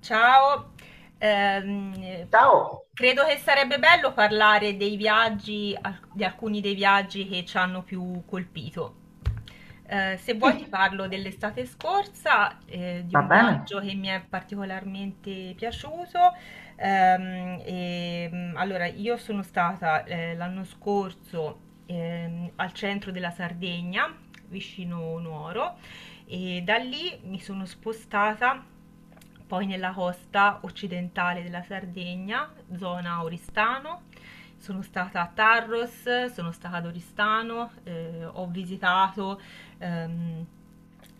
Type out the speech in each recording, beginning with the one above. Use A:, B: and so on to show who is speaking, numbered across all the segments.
A: Ciao, ehm,
B: Ciao.
A: credo che sarebbe bello parlare dei viaggi, di alcuni dei viaggi che ci hanno più colpito. Se vuoi ti
B: Sì,
A: parlo dell'estate scorsa, di
B: va
A: un
B: bene.
A: viaggio che mi è particolarmente piaciuto. Allora, io sono stata l'anno scorso al centro della Sardegna, vicino Nuoro. E da lì mi sono spostata poi nella costa occidentale della Sardegna, zona Oristano. Sono stata a Tarros, sono stata ad Oristano, ho visitato ehm,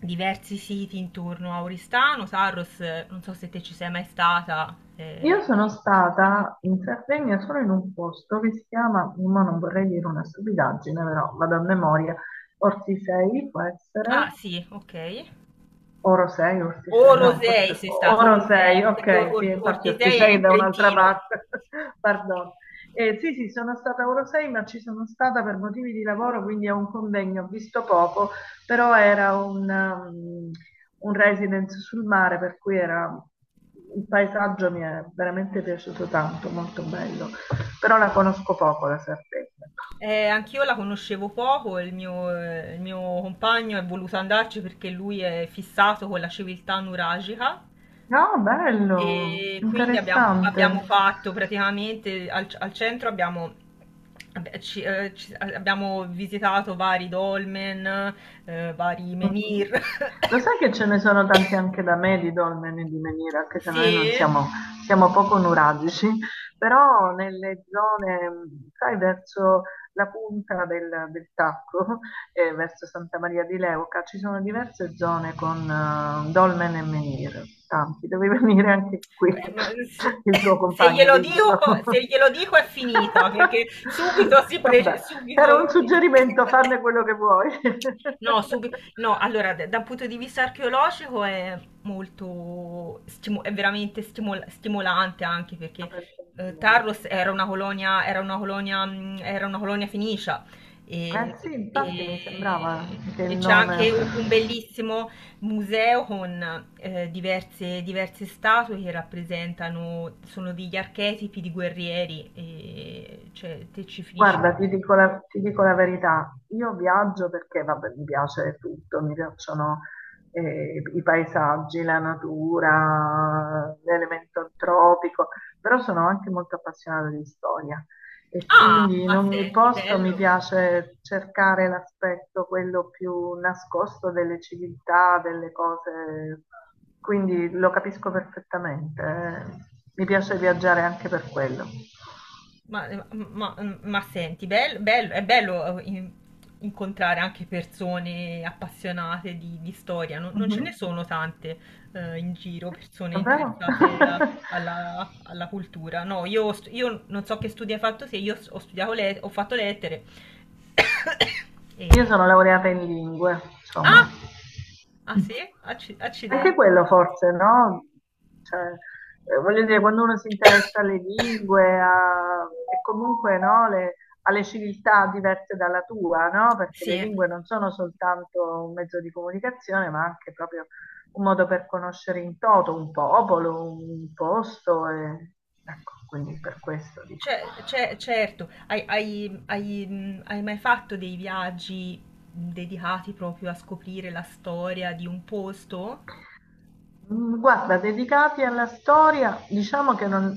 A: diversi siti intorno a Oristano. Tarros, non so se te ci sei mai stata.
B: Io sono stata in Sardegna solo in un posto che si chiama, ma non vorrei dire una stupidaggine, però vado a memoria, Ortisei può
A: Ah,
B: essere,
A: sì, ok.
B: Oro 6,
A: O
B: Ortisei, no,
A: Rosei
B: forse
A: sei stato,
B: Oro
A: Rosei,
B: 6,
A: perché
B: ok, sì, infatti
A: Ortisei è
B: Ortisei è
A: in
B: da un'altra
A: Trentino.
B: parte, pardon. Sì, sì, sono stata a Oro 6, ma ci sono stata per motivi di lavoro, quindi a un convegno, ho visto poco, però era un, un residence sul mare, per cui era, il paesaggio mi è veramente piaciuto tanto, molto bello, però la conosco poco la Sardegna.
A: Anch'io la conoscevo poco, il mio compagno è voluto andarci perché lui è fissato con la civiltà nuragica
B: No, bello,
A: e quindi
B: interessante.
A: abbiamo fatto praticamente al centro abbiamo, vabbè, abbiamo visitato vari dolmen, vari
B: Mh-mh.
A: menhir.
B: Lo sai che ce ne sono tanti anche da me di dolmeni e di meniere, anche se
A: Sì,
B: noi non siamo, siamo poco nuragici, però nelle zone, sai, verso la punta del Tacco e verso Santa Maria di Leuca ci sono diverse zone con dolmen e menhir, tanti. Devi venire anche qui,
A: eh, ma se,
B: il tuo
A: se
B: compagno,
A: glielo dico,
B: diglielo.
A: se glielo dico è finita, perché
B: Vabbè,
A: subito
B: era un suggerimento, farne quello che vuoi.
A: No, subi- no, allora, dal punto di vista archeologico è è veramente stimolante anche perché
B: Lo penso anch'io.
A: Tarros era una colonia, era una colonia, era una colonia fenicia e,
B: Eh sì, infatti mi sembrava che il
A: e c'è
B: nome.
A: anche un bellissimo museo con diverse, diverse statue che rappresentano, sono degli archetipi di guerrieri, e, cioè te ci finisci.
B: Guarda, ti dico la verità, io viaggio perché, vabbè, mi piace tutto, mi piacciono i paesaggi, la natura, l'elemento tropico, però sono anche molto appassionata di storia e
A: Ah,
B: quindi in
A: ma
B: ogni
A: senti,
B: posto mi
A: bello,
B: piace cercare l'aspetto, quello più nascosto delle civiltà, delle cose, quindi lo capisco perfettamente, eh. Mi piace viaggiare anche per quello.
A: ma, ma senti, bello, è bello incontrare anche persone appassionate di storia, non, non ce ne
B: Mhm.
A: sono tante in giro,
B: Sì, è vero.
A: alla, alla cultura. No, io, io non so che studi hai fatto, se io ho fatto lettere.
B: Io
A: E...
B: sono laureata in lingue,
A: Ah!
B: insomma.
A: Ah sì?
B: Anche
A: Accidenti.
B: quello forse, no? Cioè, voglio dire, quando uno si interessa alle lingue a- e comunque no, le- alle civiltà diverse dalla tua, no? Perché
A: Sì.
B: le lingue non sono soltanto un mezzo di comunicazione, ma anche proprio un modo per conoscere in toto un popolo, un posto. E- Ecco, quindi per questo dico.
A: Certo, hai, hai mai fatto dei viaggi dedicati proprio a scoprire la storia di un posto?
B: Mm, guarda, dedicati alla storia, diciamo che non-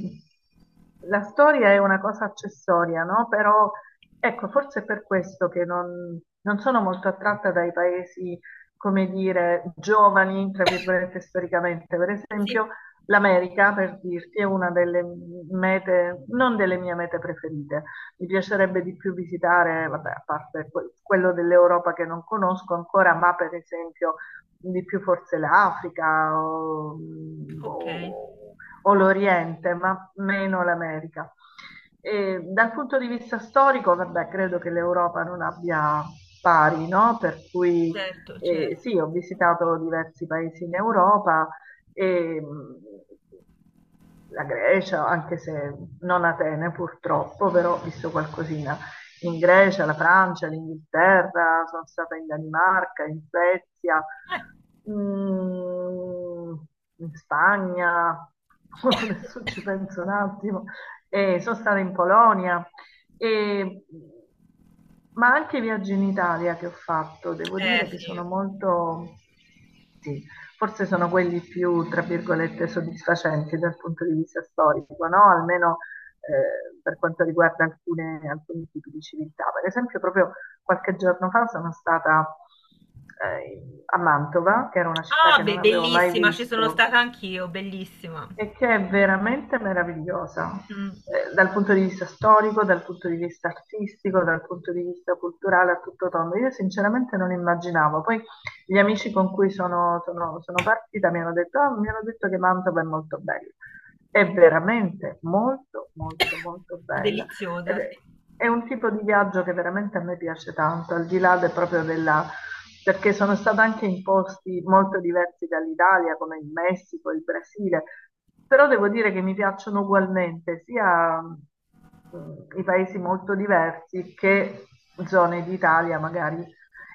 B: la storia è una cosa accessoria, no? Però ecco, forse è per questo che non sono molto attratta dai paesi, come dire, giovani, tra virgolette, storicamente. Per
A: Sì,
B: esempio, l'America, per dirti, è una delle mete, non delle mie mete preferite. Mi piacerebbe di più visitare, vabbè, a parte que- quello dell'Europa che non conosco ancora, ma per esempio di più forse l'Africa
A: ok,
B: o- o l'Oriente, ma meno l'America. E dal punto di vista storico, vabbè, credo che l'Europa non abbia pari, no? Per cui
A: certo, certo.
B: sì, ho visitato diversi paesi in Europa, e, la Grecia, anche se non Atene purtroppo, però ho visto qualcosina in Grecia, la Francia, l'Inghilterra, sono stata in Danimarca, in Svezia,
A: Eh,
B: mm, in Spagna, adesso ci penso un attimo, e sono stata in Polonia, e- ma anche i viaggi in Italia che ho fatto, devo
A: eh,
B: dire che
A: sì.
B: sono molto, sì, forse sono quelli più, tra virgolette, soddisfacenti dal punto di vista storico, no? Almeno per quanto riguarda alcune- alcuni tipi di civiltà. Per esempio, proprio qualche giorno fa sono stata a Mantova, che era una città
A: Ah,
B: che non
A: beh,
B: avevo mai
A: bellissima, ci sono
B: visto
A: stata anch'io, bellissima.
B: e che è veramente meravigliosa,
A: Mm.
B: dal punto di vista storico, dal punto di vista artistico, dal punto di vista culturale a tutto tondo. Io sinceramente non immaginavo. Poi gli amici con cui sono, sono partita mi hanno detto, "Ah, mi hanno detto che Mantova è molto bella. È veramente molto, molto, molto bella." Ed
A: Deliziosa, sì.
B: è un tipo di viaggio che veramente a me piace tanto, al di là del- proprio della... perché sono stata anche in posti molto diversi dall'Italia, come il Messico, il Brasile, però devo dire che mi piacciono ugualmente sia mm, i paesi molto diversi che zone d'Italia magari.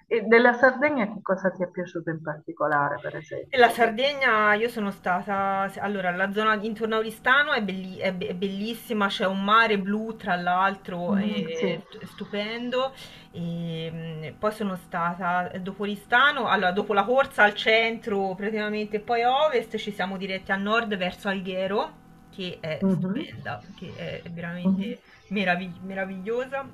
B: E della Sardegna che cosa ti è piaciuto in particolare, per
A: E la
B: esempio?
A: Sardegna, io sono stata, allora, la zona intorno a Oristano è, è bellissima, c'è un mare blu tra l'altro,
B: Mhm, sì.
A: è è stupendo. E, poi sono stata dopo Oristano, allora, dopo la corsa al centro praticamente, poi a ovest ci siamo diretti a nord verso Alghero, che è
B: Mhm,
A: stupenda, che è
B: mhm.
A: veramente meravigliosa.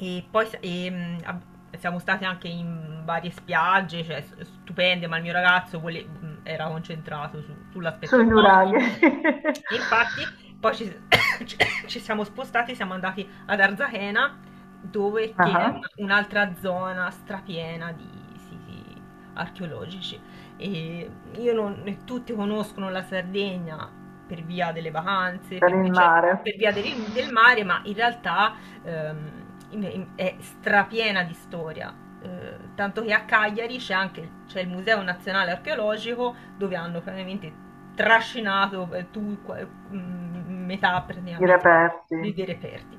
A: E poi siamo state anche in varie spiagge, cioè, stupende, ma il mio ragazzo era concentrato sull'aspetto
B: Sui
A: storico.
B: nuraghi.
A: E infatti poi ci- ci siamo spostati, siamo andati ad Arzachena, dove che è
B: Ah,
A: un'altra zona strapiena di siti archeologici. E io non, e tutti conoscono la Sardegna, per via delle vacanze,
B: per
A: per,
B: il
A: cioè, per
B: mare,
A: via del, del mare, ma in realtà è strapiena di storia. Tanto che a Cagliari c'è il Museo Nazionale Archeologico dove hanno praticamente trascinato metà
B: i
A: praticamente
B: reperti.
A: dei reperti,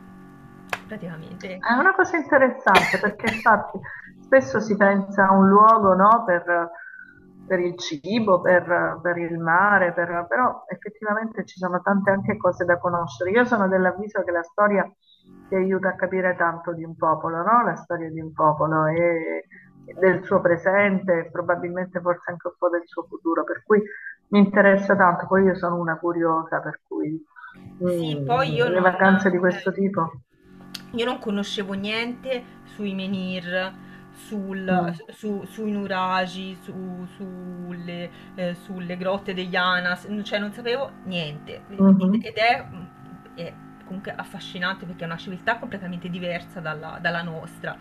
A: praticamente.
B: È una cosa interessante perché infatti spesso si pensa a un luogo, no, per il cibo, per il mare, per- però effettivamente ci sono tante anche cose da conoscere. Io sono dell'avviso che la storia ti aiuta a capire tanto di un popolo, no? La storia di un popolo e del suo presente, e probabilmente forse anche un po' del suo futuro, per cui mi interessa tanto. Poi io sono una curiosa, per cui
A: Sì, poi
B: mm, le vacanze di questo tipo.
A: io non conoscevo niente sui menhir,
B: Mm.
A: sui nuraghi, sulle, sulle grotte degli Anas, cioè non sapevo niente.
B: Mh-mh.
A: Ed è, è comunque affascinante perché è una civiltà completamente diversa dalla, dalla nostra.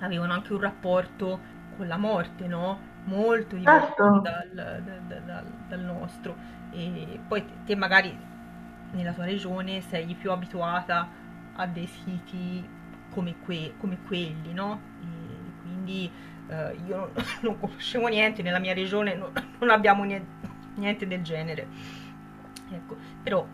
A: Avevano anche un rapporto con la morte, no? Molto diverso
B: Certo,
A: dal dal nostro. E poi te magari nella tua regione sei più abituata a dei siti come, come quelli, no? E quindi io non, non conoscevo niente, nella mia regione non abbiamo nie- niente del genere. Ecco, però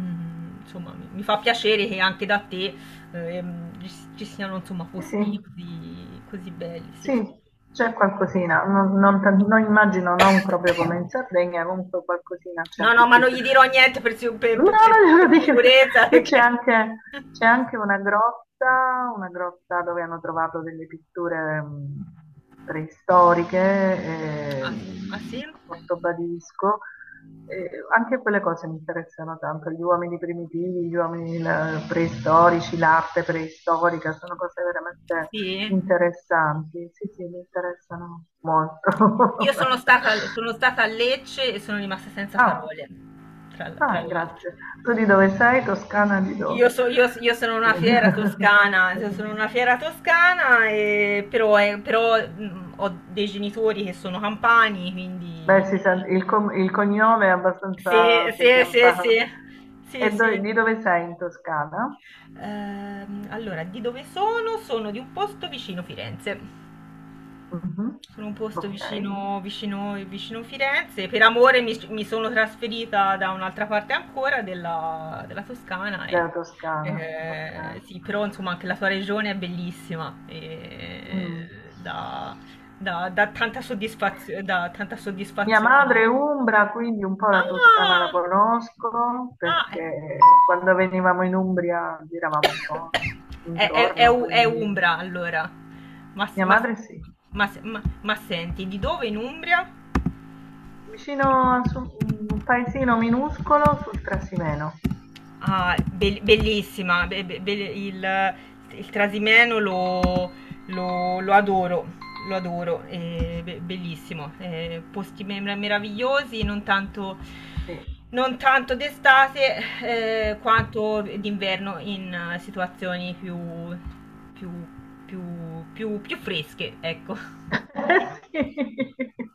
A: insomma mi, mi fa piacere che anche da te ehm, ci, ci siano insomma
B: sì, sì,
A: posti così, così belli,
B: sì, c'è qualcosina, non non tan non immagino non proprio
A: sì.
B: come in Sardegna, comunque qualcosina c'è
A: No,
B: anche
A: no, ma
B: qui.
A: non gli dirò niente per,
B: No,
A: per
B: non devo dire.
A: sicurezza
B: Qui
A: perché...
B: c'è anche una grotta dove hanno trovato delle pitture preistoriche
A: Ah, ah, sì?
B: a Portobadisco. Anche quelle cose mi interessano tanto, gli uomini primitivi, gli uomini la- preistorici, l'arte preistorica, sono cose veramente
A: Sì?
B: interessanti. Sì, sì, mi interessano molto.
A: Io sono stata a Lecce e sono rimasta senza
B: Ah.
A: parole, tra
B: Ah,
A: l'altro.
B: grazie. Tu di dove sei? Toscana di dove?
A: Io sono una fiera toscana, io sono una fiera toscana, però, però, ho dei genitori che sono campani,
B: Beh,
A: quindi
B: si sente- il, com- il cognome è
A: sì,
B: abbastanza sì,
A: sì.
B: campano.
A: Sì,
B: E
A: sì.
B: do- di dove sei in Toscana?
A: Allora, di dove sono? Sono di un posto vicino Firenze.
B: Mhm.
A: Sono un posto
B: Ok,
A: vicino Firenze. Per amore mi, mi sono trasferita da un'altra parte ancora della, della Toscana. E,
B: della Toscana. Ok.
A: sì, però insomma anche la sua regione è bellissima. E
B: Mm.
A: dà dà tanta dà tanta
B: Mia madre è
A: soddisfazione.
B: umbra, quindi un po' la Toscana la
A: Ah!
B: conosco
A: Ah, eh.
B: perché quando venivamo in Umbria giravamo un po' intorno,
A: È
B: quindi
A: Umbra allora. Ma, s-
B: mia
A: ma s-
B: madre sì.
A: ma senti, di dove in Umbria?
B: Vicino a su- un paesino minuscolo sul Trasimeno.
A: Ah, bellissima, il Trasimeno lo, lo- lo adoro, lo adoro, è bellissimo, posti meravigliosi, non tanto,
B: Sì.
A: non tanto d'estate quanto d'inverno in situazioni più, più, più, più fresche, ecco.
B: Sì.